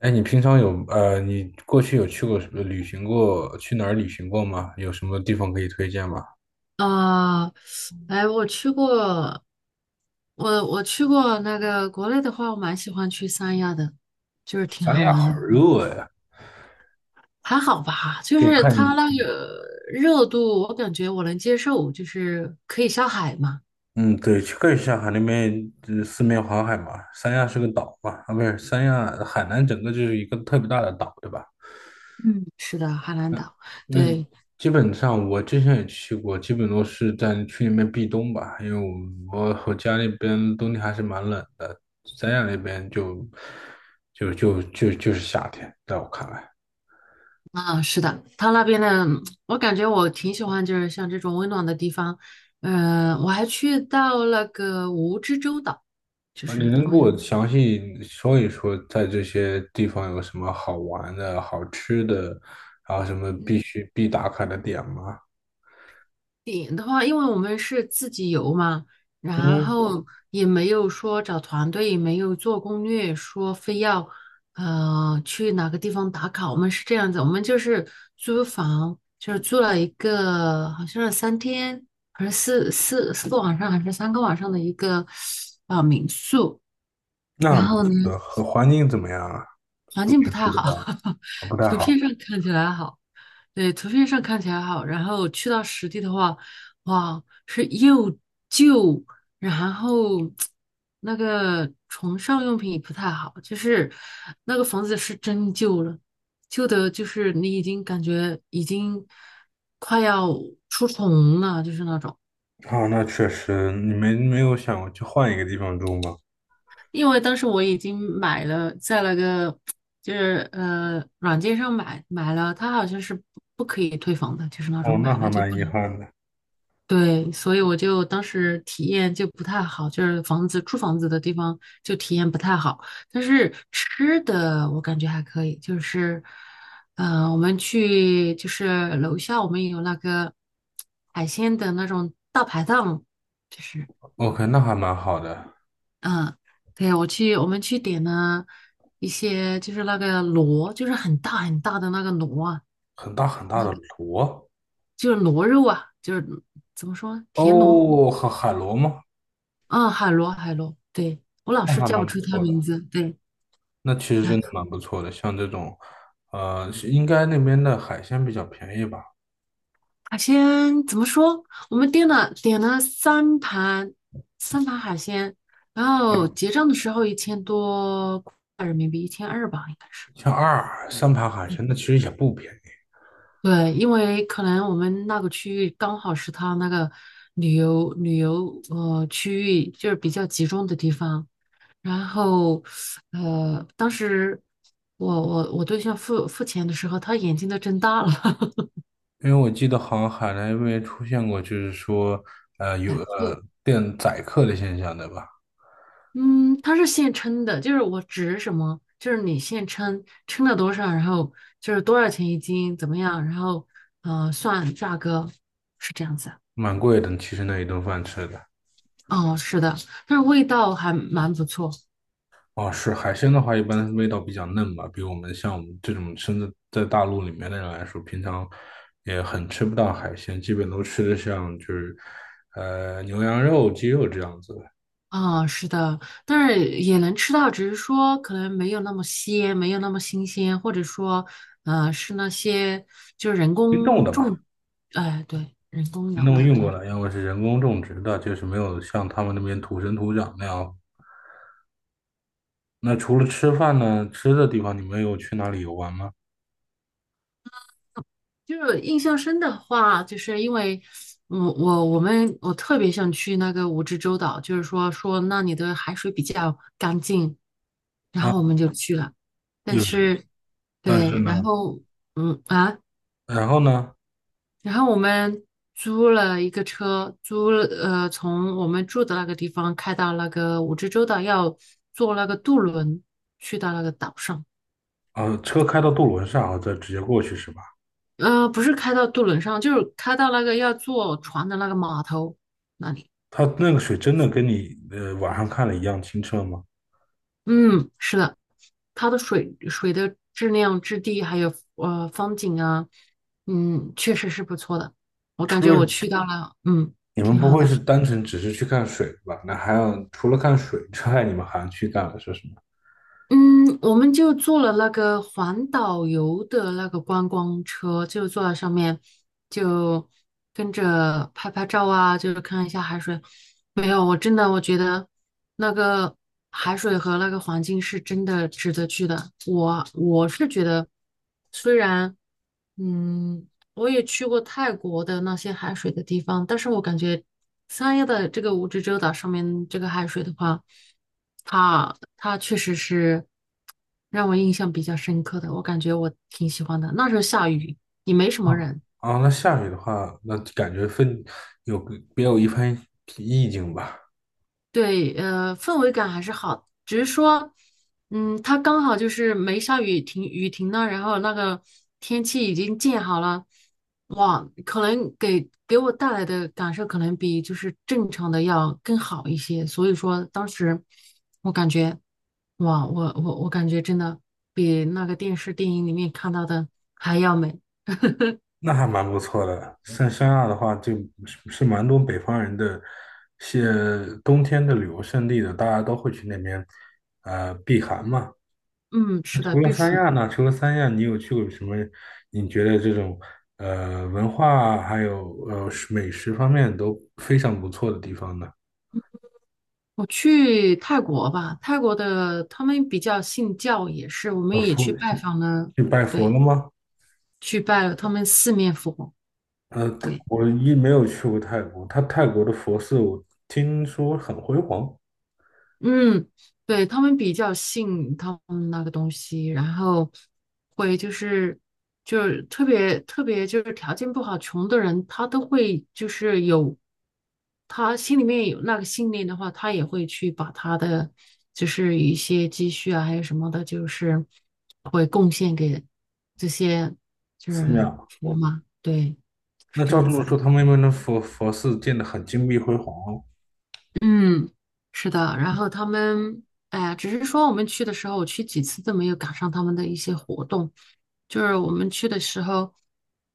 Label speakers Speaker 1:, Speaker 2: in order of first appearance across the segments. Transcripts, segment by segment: Speaker 1: 哎，你平常有你过去有去过什么旅行过？去哪儿旅行过吗？有什么地方可以推荐吗？
Speaker 2: 啊，哎，我去过，我去过那个国内的话，我蛮喜欢去三亚的，就是挺
Speaker 1: 三
Speaker 2: 好
Speaker 1: 亚
Speaker 2: 玩
Speaker 1: 好
Speaker 2: 的，
Speaker 1: 热呀！
Speaker 2: 还好吧，就
Speaker 1: 就
Speaker 2: 是
Speaker 1: 看
Speaker 2: 它
Speaker 1: 你，
Speaker 2: 那个热度，我感觉我能接受，就是可以下海嘛。
Speaker 1: 嗯，对，去可以下海那边，呃四面环海嘛。三亚是个岛嘛，啊，不是，三亚海南整个就是一个特别大的岛，对吧？
Speaker 2: 嗯，是的，海南岛，
Speaker 1: 那
Speaker 2: 对，
Speaker 1: 基本上我之前也去过，基本都是在去那边避冬吧，因为我家那边冬天还是蛮冷的，三亚那边就是夏天，在我看来。
Speaker 2: 啊，是的，它那边的，我感觉我挺喜欢，就是像这种温暖的地方。嗯、我还去到那个蜈支洲岛，就
Speaker 1: 啊，你
Speaker 2: 是
Speaker 1: 能
Speaker 2: 他
Speaker 1: 给
Speaker 2: 们。
Speaker 1: 我详细说一说，在这些地方有什么好玩的、好吃的，然后什么必须必打卡的点吗？
Speaker 2: 点的话，因为我们是自己游嘛，然
Speaker 1: 嗯，
Speaker 2: 后也没有说找团队，也没有做攻略，说非要去哪个地方打卡。我们是这样子，我们就是租房，就是租了一个好像是3天还是四个晚上，还是3个晚上的一个民宿。
Speaker 1: 那
Speaker 2: 然
Speaker 1: 很不
Speaker 2: 后呢，
Speaker 1: 错的，和环境怎么样啊？
Speaker 2: 环
Speaker 1: 住
Speaker 2: 境不
Speaker 1: 民
Speaker 2: 太
Speaker 1: 宿的
Speaker 2: 好，
Speaker 1: 话，啊不太
Speaker 2: 图片
Speaker 1: 好。
Speaker 2: 上看起来好，对，图片上看起来好，然后去到实地的话，哇，是又旧，然后那个床上用品也不太好，就是那个房子是真旧了，旧的就是你已经感觉已经快要出虫了，就是那种。
Speaker 1: 啊，那确实，你没有想过去换一个地方住吗？
Speaker 2: 因为当时我已经买了，在那个就是软件上买了，它好像是不可以退房的，就是那种
Speaker 1: 哦，那
Speaker 2: 买
Speaker 1: 还
Speaker 2: 了就
Speaker 1: 蛮
Speaker 2: 不
Speaker 1: 遗
Speaker 2: 能。
Speaker 1: 憾的。
Speaker 2: 对，所以我就当时体验就不太好，就是房子住房子的地方就体验不太好。但是吃的我感觉还可以，就是我们去就是楼下我们有那个海鲜的那种大排档，就是。
Speaker 1: OK，那还蛮好的，
Speaker 2: 嗯，对啊，我去，我们去点了一些，就是那个螺，就是很大很大的那个螺啊，
Speaker 1: 很大很大的螺。
Speaker 2: 就是螺肉啊，就是怎么说，田螺
Speaker 1: 哦，海螺吗？
Speaker 2: 啊，海螺，海螺，对，我老
Speaker 1: 那
Speaker 2: 是
Speaker 1: 还
Speaker 2: 叫不
Speaker 1: 蛮不
Speaker 2: 出它
Speaker 1: 错的。
Speaker 2: 名字，对，
Speaker 1: 那其实真的
Speaker 2: 啊，
Speaker 1: 蛮不错的，像这种，呃，是应该那边的海鲜比较便宜吧？
Speaker 2: 海鲜怎么说？我们点了三盘海鲜，然后
Speaker 1: 啊，
Speaker 2: 结账的时候1000多块人民币，1200吧，应该是。
Speaker 1: 像二尔三盘海
Speaker 2: 对。
Speaker 1: 鲜，那其实也不便宜，
Speaker 2: 对，因为可能我们那个区域刚好是他那个旅游区域，就是比较集中的地方。然后，呃，当时我对象付钱的时候，他眼睛都睁大了，
Speaker 1: 因为我记得好像海南那边出现过，就是说，呃，有
Speaker 2: 两个，
Speaker 1: 呃店宰客的现象，对吧？
Speaker 2: 嗯，他是现称的，就是我指什么，就是你现称称了多少，然后就是多少钱一斤，怎么样，然后算价格是这样子。
Speaker 1: 蛮贵的，其实那一顿饭吃的。
Speaker 2: 哦，是的，但是味道还蛮不错。
Speaker 1: 哦，是海鲜的话，一般味道比较嫩吧，比我们像我们这种身在大陆里面的人来说，平常也很吃不到海鲜，基本都吃的像就是，呃，牛羊肉、鸡肉这样子。
Speaker 2: 啊、是的，但是也能吃到，只是说可能没有那么鲜，没有那么新鲜，或者说，是那些就是人
Speaker 1: 冰
Speaker 2: 工
Speaker 1: 冻的嘛，
Speaker 2: 种，哎、对，人工
Speaker 1: 冰
Speaker 2: 养
Speaker 1: 冻
Speaker 2: 的
Speaker 1: 运
Speaker 2: 那
Speaker 1: 过
Speaker 2: 种。
Speaker 1: 来，要么是人工种植的，就是没有像他们那边土生土长那样。那除了吃饭呢，吃的地方你们有去哪里游玩吗？
Speaker 2: 就是印象深的话，就是因为我们特别想去那个蜈支洲岛，就是说说那里的海水比较干净，然
Speaker 1: 啊，
Speaker 2: 后我们就去了，但
Speaker 1: 有，
Speaker 2: 是
Speaker 1: 但是
Speaker 2: 对，然
Speaker 1: 呢，
Speaker 2: 后嗯啊。
Speaker 1: 然后呢，
Speaker 2: 然后我们租了一个车，租了，从我们住的那个地方开到那个蜈支洲岛，要坐那个渡轮去到那个岛上。
Speaker 1: 啊，车开到渡轮上，然后再直接过去是吧？
Speaker 2: 呃，不是开到渡轮上，就是开到那个要坐船的那个码头那里。
Speaker 1: 它那个水真的跟你网上看的一样清澈吗？
Speaker 2: 嗯，是的，它的水的质量、质地还有风景啊，嗯，确实是不错的。我感
Speaker 1: 除
Speaker 2: 觉我
Speaker 1: 了
Speaker 2: 去到了，嗯，
Speaker 1: 你们
Speaker 2: 挺
Speaker 1: 不
Speaker 2: 好
Speaker 1: 会
Speaker 2: 的。
Speaker 1: 是单纯只是去看水吧？那还有除了看水之外，你们还去干了些什么？
Speaker 2: 嗯，我们就坐了那个环岛游的那个观光车，就坐在上面，就跟着拍拍照啊，就是看一下海水。没有，我真的我觉得那个海水和那个环境是真的值得去的。我是觉得，虽然嗯我也去过泰国的那些海水的地方，但是我感觉三亚的这个蜈支洲岛上面这个海水的话，它确实是让我印象比较深刻的，我感觉我挺喜欢的。那时候下雨，也没什么
Speaker 1: 啊，
Speaker 2: 人，
Speaker 1: 啊那下雨的话，那感觉分有个别有一番意境吧，
Speaker 2: 对，氛围感还是好，只是说，它刚好就是没下雨停雨停了，然后那个天气已经建好了，哇，可能给我带来的感受可能比就是正常的要更好一些，所以说当时我感觉，哇，我感觉真的比那个电视电影里面看到的还要美，
Speaker 1: 那还蛮不错的。像三亚的话，就是是蛮多北方人的些冬天的旅游胜地的，大家都会去那边呃避寒嘛。
Speaker 2: 嗯，
Speaker 1: 那
Speaker 2: 是的，
Speaker 1: 除了
Speaker 2: 必
Speaker 1: 三
Speaker 2: 须。
Speaker 1: 亚呢？除了三亚，你有去过什么？你觉得这种呃文化啊还有呃美食方面都非常不错的地方呢？
Speaker 2: 我去泰国吧，泰国的他们比较信教，也是我
Speaker 1: 呃，
Speaker 2: 们也
Speaker 1: 佛
Speaker 2: 去拜访了，
Speaker 1: 去拜佛了
Speaker 2: 对，
Speaker 1: 吗？
Speaker 2: 去拜了他们四面佛，
Speaker 1: 呃，
Speaker 2: 对，
Speaker 1: 我一没有去过泰国，他泰国的佛寺我听说很辉煌，
Speaker 2: 嗯，对，他们比较信他们那个东西，然后会就是特别特别就是条件不好、穷的人，他都会就是有他心里面有那个信念的话，他也会去把他的就是一些积蓄啊，还有什么的，就是会贡献给这些就
Speaker 1: 寺
Speaker 2: 是
Speaker 1: 庙。
Speaker 2: 佛嘛，对，是
Speaker 1: 那
Speaker 2: 这
Speaker 1: 照这
Speaker 2: 样
Speaker 1: 么
Speaker 2: 子。
Speaker 1: 说，他们那边的佛寺建得很金碧辉煌哦
Speaker 2: 嗯，是的，然后他们，哎呀，只是说我们去的时候，我去几次都没有赶上他们的一些活动，就是我们去的时候，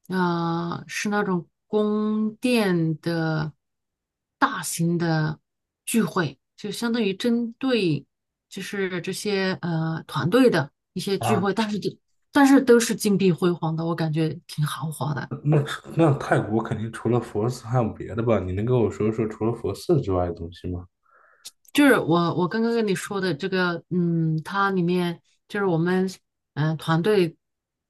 Speaker 2: 是那种宫殿的大型的聚会，就相当于针对就是这些团队的一些聚
Speaker 1: 啊。
Speaker 2: 会，但是都是金碧辉煌的，我感觉挺豪华的。
Speaker 1: 那那泰国肯定除了佛寺还有别的吧？你能跟我说说除了佛寺之外的东西吗？
Speaker 2: 就是我刚刚跟你说的这个，嗯，它里面就是我们团队，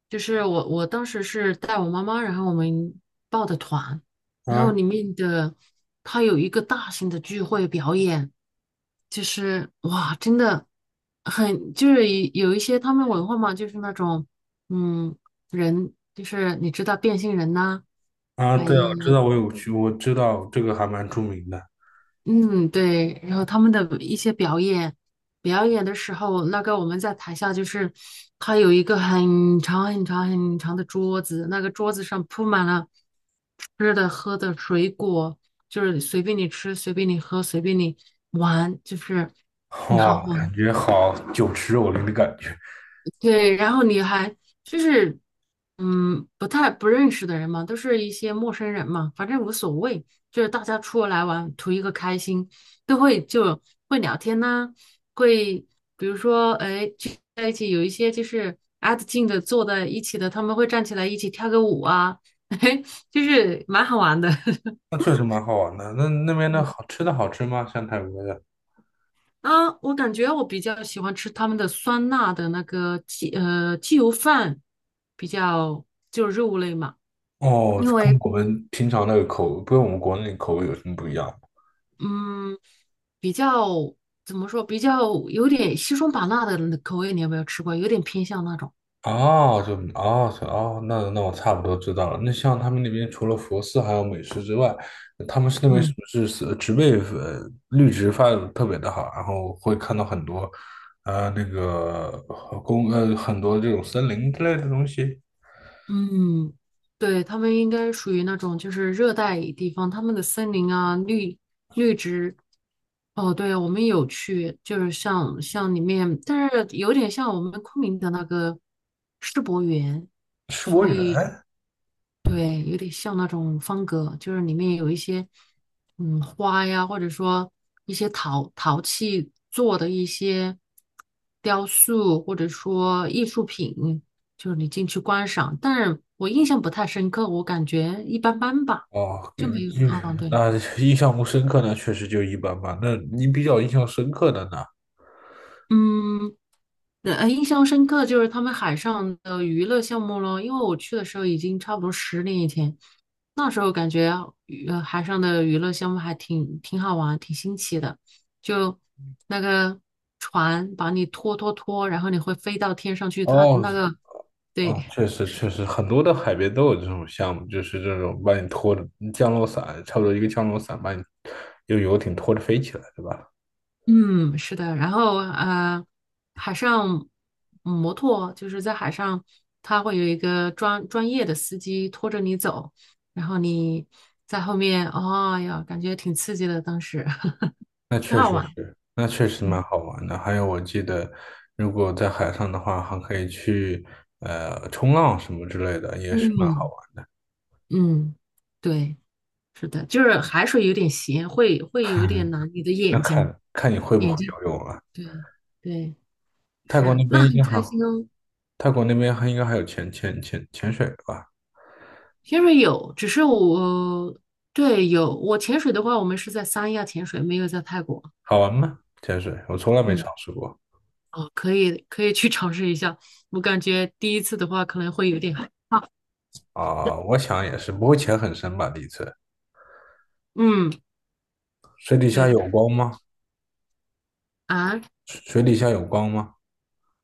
Speaker 2: 就是我当时是带我妈妈，然后我们报的团，然后
Speaker 1: 啊
Speaker 2: 里面的它有一个大型的聚会表演，就是哇，真的很就是一有一些他们文化嘛，就是那种嗯人，就是你知道变性人呐、
Speaker 1: 啊，
Speaker 2: 还
Speaker 1: 对啊，我知
Speaker 2: 有。
Speaker 1: 道，我有去，我知道这个还蛮著名的。
Speaker 2: 嗯，对，然后他们的一些表演，表演的时候，那个我们在台下就是，他有一个很长很长很长的桌子，那个桌子上铺满了吃的、喝的、水果，就是随便你吃，随便你喝，随便你玩，就是挺好
Speaker 1: 哇，
Speaker 2: 玩。
Speaker 1: 感觉好酒池肉林的感觉，
Speaker 2: 对，然后你还就是，嗯，不太不认识的人嘛，都是一些陌生人嘛，反正无所谓，就是大家出来玩，图一个开心，都会就会聊天呐、会比如说，哎，聚在一起有一些就是挨得近的坐在一起的，他们会站起来一起跳个舞啊，嘿，就是蛮好玩的。
Speaker 1: 那确实蛮好玩的。那那边 的
Speaker 2: 嗯
Speaker 1: 好吃的好吃吗？像泰国的？
Speaker 2: 啊，我感觉我比较喜欢吃他们的酸辣的那个鸡鸡油饭，比较就肉类嘛。
Speaker 1: 哦，
Speaker 2: 因
Speaker 1: 跟
Speaker 2: 为
Speaker 1: 我们平常那个口，跟我们国内口味有什么不一样吗？
Speaker 2: 嗯，比较怎么说，比较有点西双版纳的那口味，你有没有吃过？有点偏向那种，
Speaker 1: 哦，就哦是哦，那那我差不多知道了。那像他们那边除了佛寺还有美食之外，他们是那边是
Speaker 2: 嗯
Speaker 1: 不是是植被绿植发的特别的好，然后会看到很多呃那个呃公呃很多这种森林之类的东西。
Speaker 2: 嗯，对，他们应该属于那种就是热带地方，他们的森林啊，绿植。哦，对，我们有去，就是像里面，但是有点像我们昆明的那个世博园，
Speaker 1: 世博
Speaker 2: 所
Speaker 1: 园
Speaker 2: 以就对，有点像那种方格，就是里面有一些花呀，或者说一些陶器做的一些雕塑，或者说艺术品，就是你进去观赏。但是我印象不太深刻，我感觉一般般吧，
Speaker 1: 哦，
Speaker 2: 就没有。
Speaker 1: 印
Speaker 2: 嗯，对，
Speaker 1: 那 印象不深刻呢，确实就一般般。那你比较印象深刻的呢？
Speaker 2: 嗯，印象深刻就是他们海上的娱乐项目咯，因为我去的时候已经差不多10年以前，那时候感觉啊海上的娱乐项目还挺好玩，挺新奇的，就那个船把你拖，然后你会飞到天上去，它
Speaker 1: 哦，
Speaker 2: 那个
Speaker 1: 啊，
Speaker 2: 对
Speaker 1: 确实确实，很多的海边都有这种项目，就是这种把你拖着降落伞，差不多一个降落伞把你用游艇拖着飞起来，对吧？
Speaker 2: 嗯，是的，然后海上摩托就是在海上，它会有一个专业的司机拖着你走，然后你在后面，哦呀，感觉挺刺激的，当时
Speaker 1: 那
Speaker 2: 挺
Speaker 1: 确
Speaker 2: 好
Speaker 1: 实
Speaker 2: 玩。
Speaker 1: 是，那确实蛮
Speaker 2: 嗯
Speaker 1: 好玩的。还有，我记得如果在海上的话，还可以去冲浪什么之类的，也是蛮好
Speaker 2: 嗯
Speaker 1: 玩。
Speaker 2: 嗯，对，是的，就是海水有点咸，会有一点 难你的
Speaker 1: 那
Speaker 2: 眼睛
Speaker 1: 看看你会不会
Speaker 2: 眼睛。
Speaker 1: 游泳啊？
Speaker 2: 对对，
Speaker 1: 泰国那
Speaker 2: 是，那
Speaker 1: 边应
Speaker 2: 很
Speaker 1: 该还，
Speaker 2: 开心哦。
Speaker 1: 泰国那边还应该还有潜水吧？
Speaker 2: 潜水有，只是我，对，有，我潜水的话，我们是在三亚潜水，没有在泰国。
Speaker 1: 好玩吗？潜水我从来没
Speaker 2: 嗯，
Speaker 1: 尝试过。
Speaker 2: 哦，可以，可以去尝试一下。我感觉第一次的话可能会有点害 怕。
Speaker 1: 啊、我想也是，不会潜很深吧？第一次，
Speaker 2: 嗯，
Speaker 1: 水底下
Speaker 2: 对
Speaker 1: 有光吗？
Speaker 2: 啊，
Speaker 1: 水底下有光吗？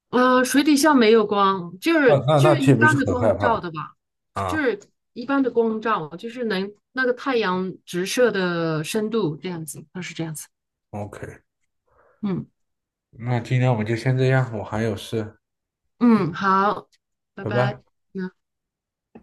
Speaker 2: 水底下没有光，就
Speaker 1: 那
Speaker 2: 是就是
Speaker 1: 岂
Speaker 2: 一
Speaker 1: 不是
Speaker 2: 般的
Speaker 1: 很害
Speaker 2: 光照
Speaker 1: 怕
Speaker 2: 的吧，就
Speaker 1: 啊
Speaker 2: 是一般的光照，就是能那个太阳直射的深度这样子，它是这样子。
Speaker 1: ？OK，
Speaker 2: 嗯
Speaker 1: 那今天我们就先这样，我还有事，
Speaker 2: 嗯，好，拜
Speaker 1: 拜
Speaker 2: 拜。
Speaker 1: 拜。
Speaker 2: 嗯。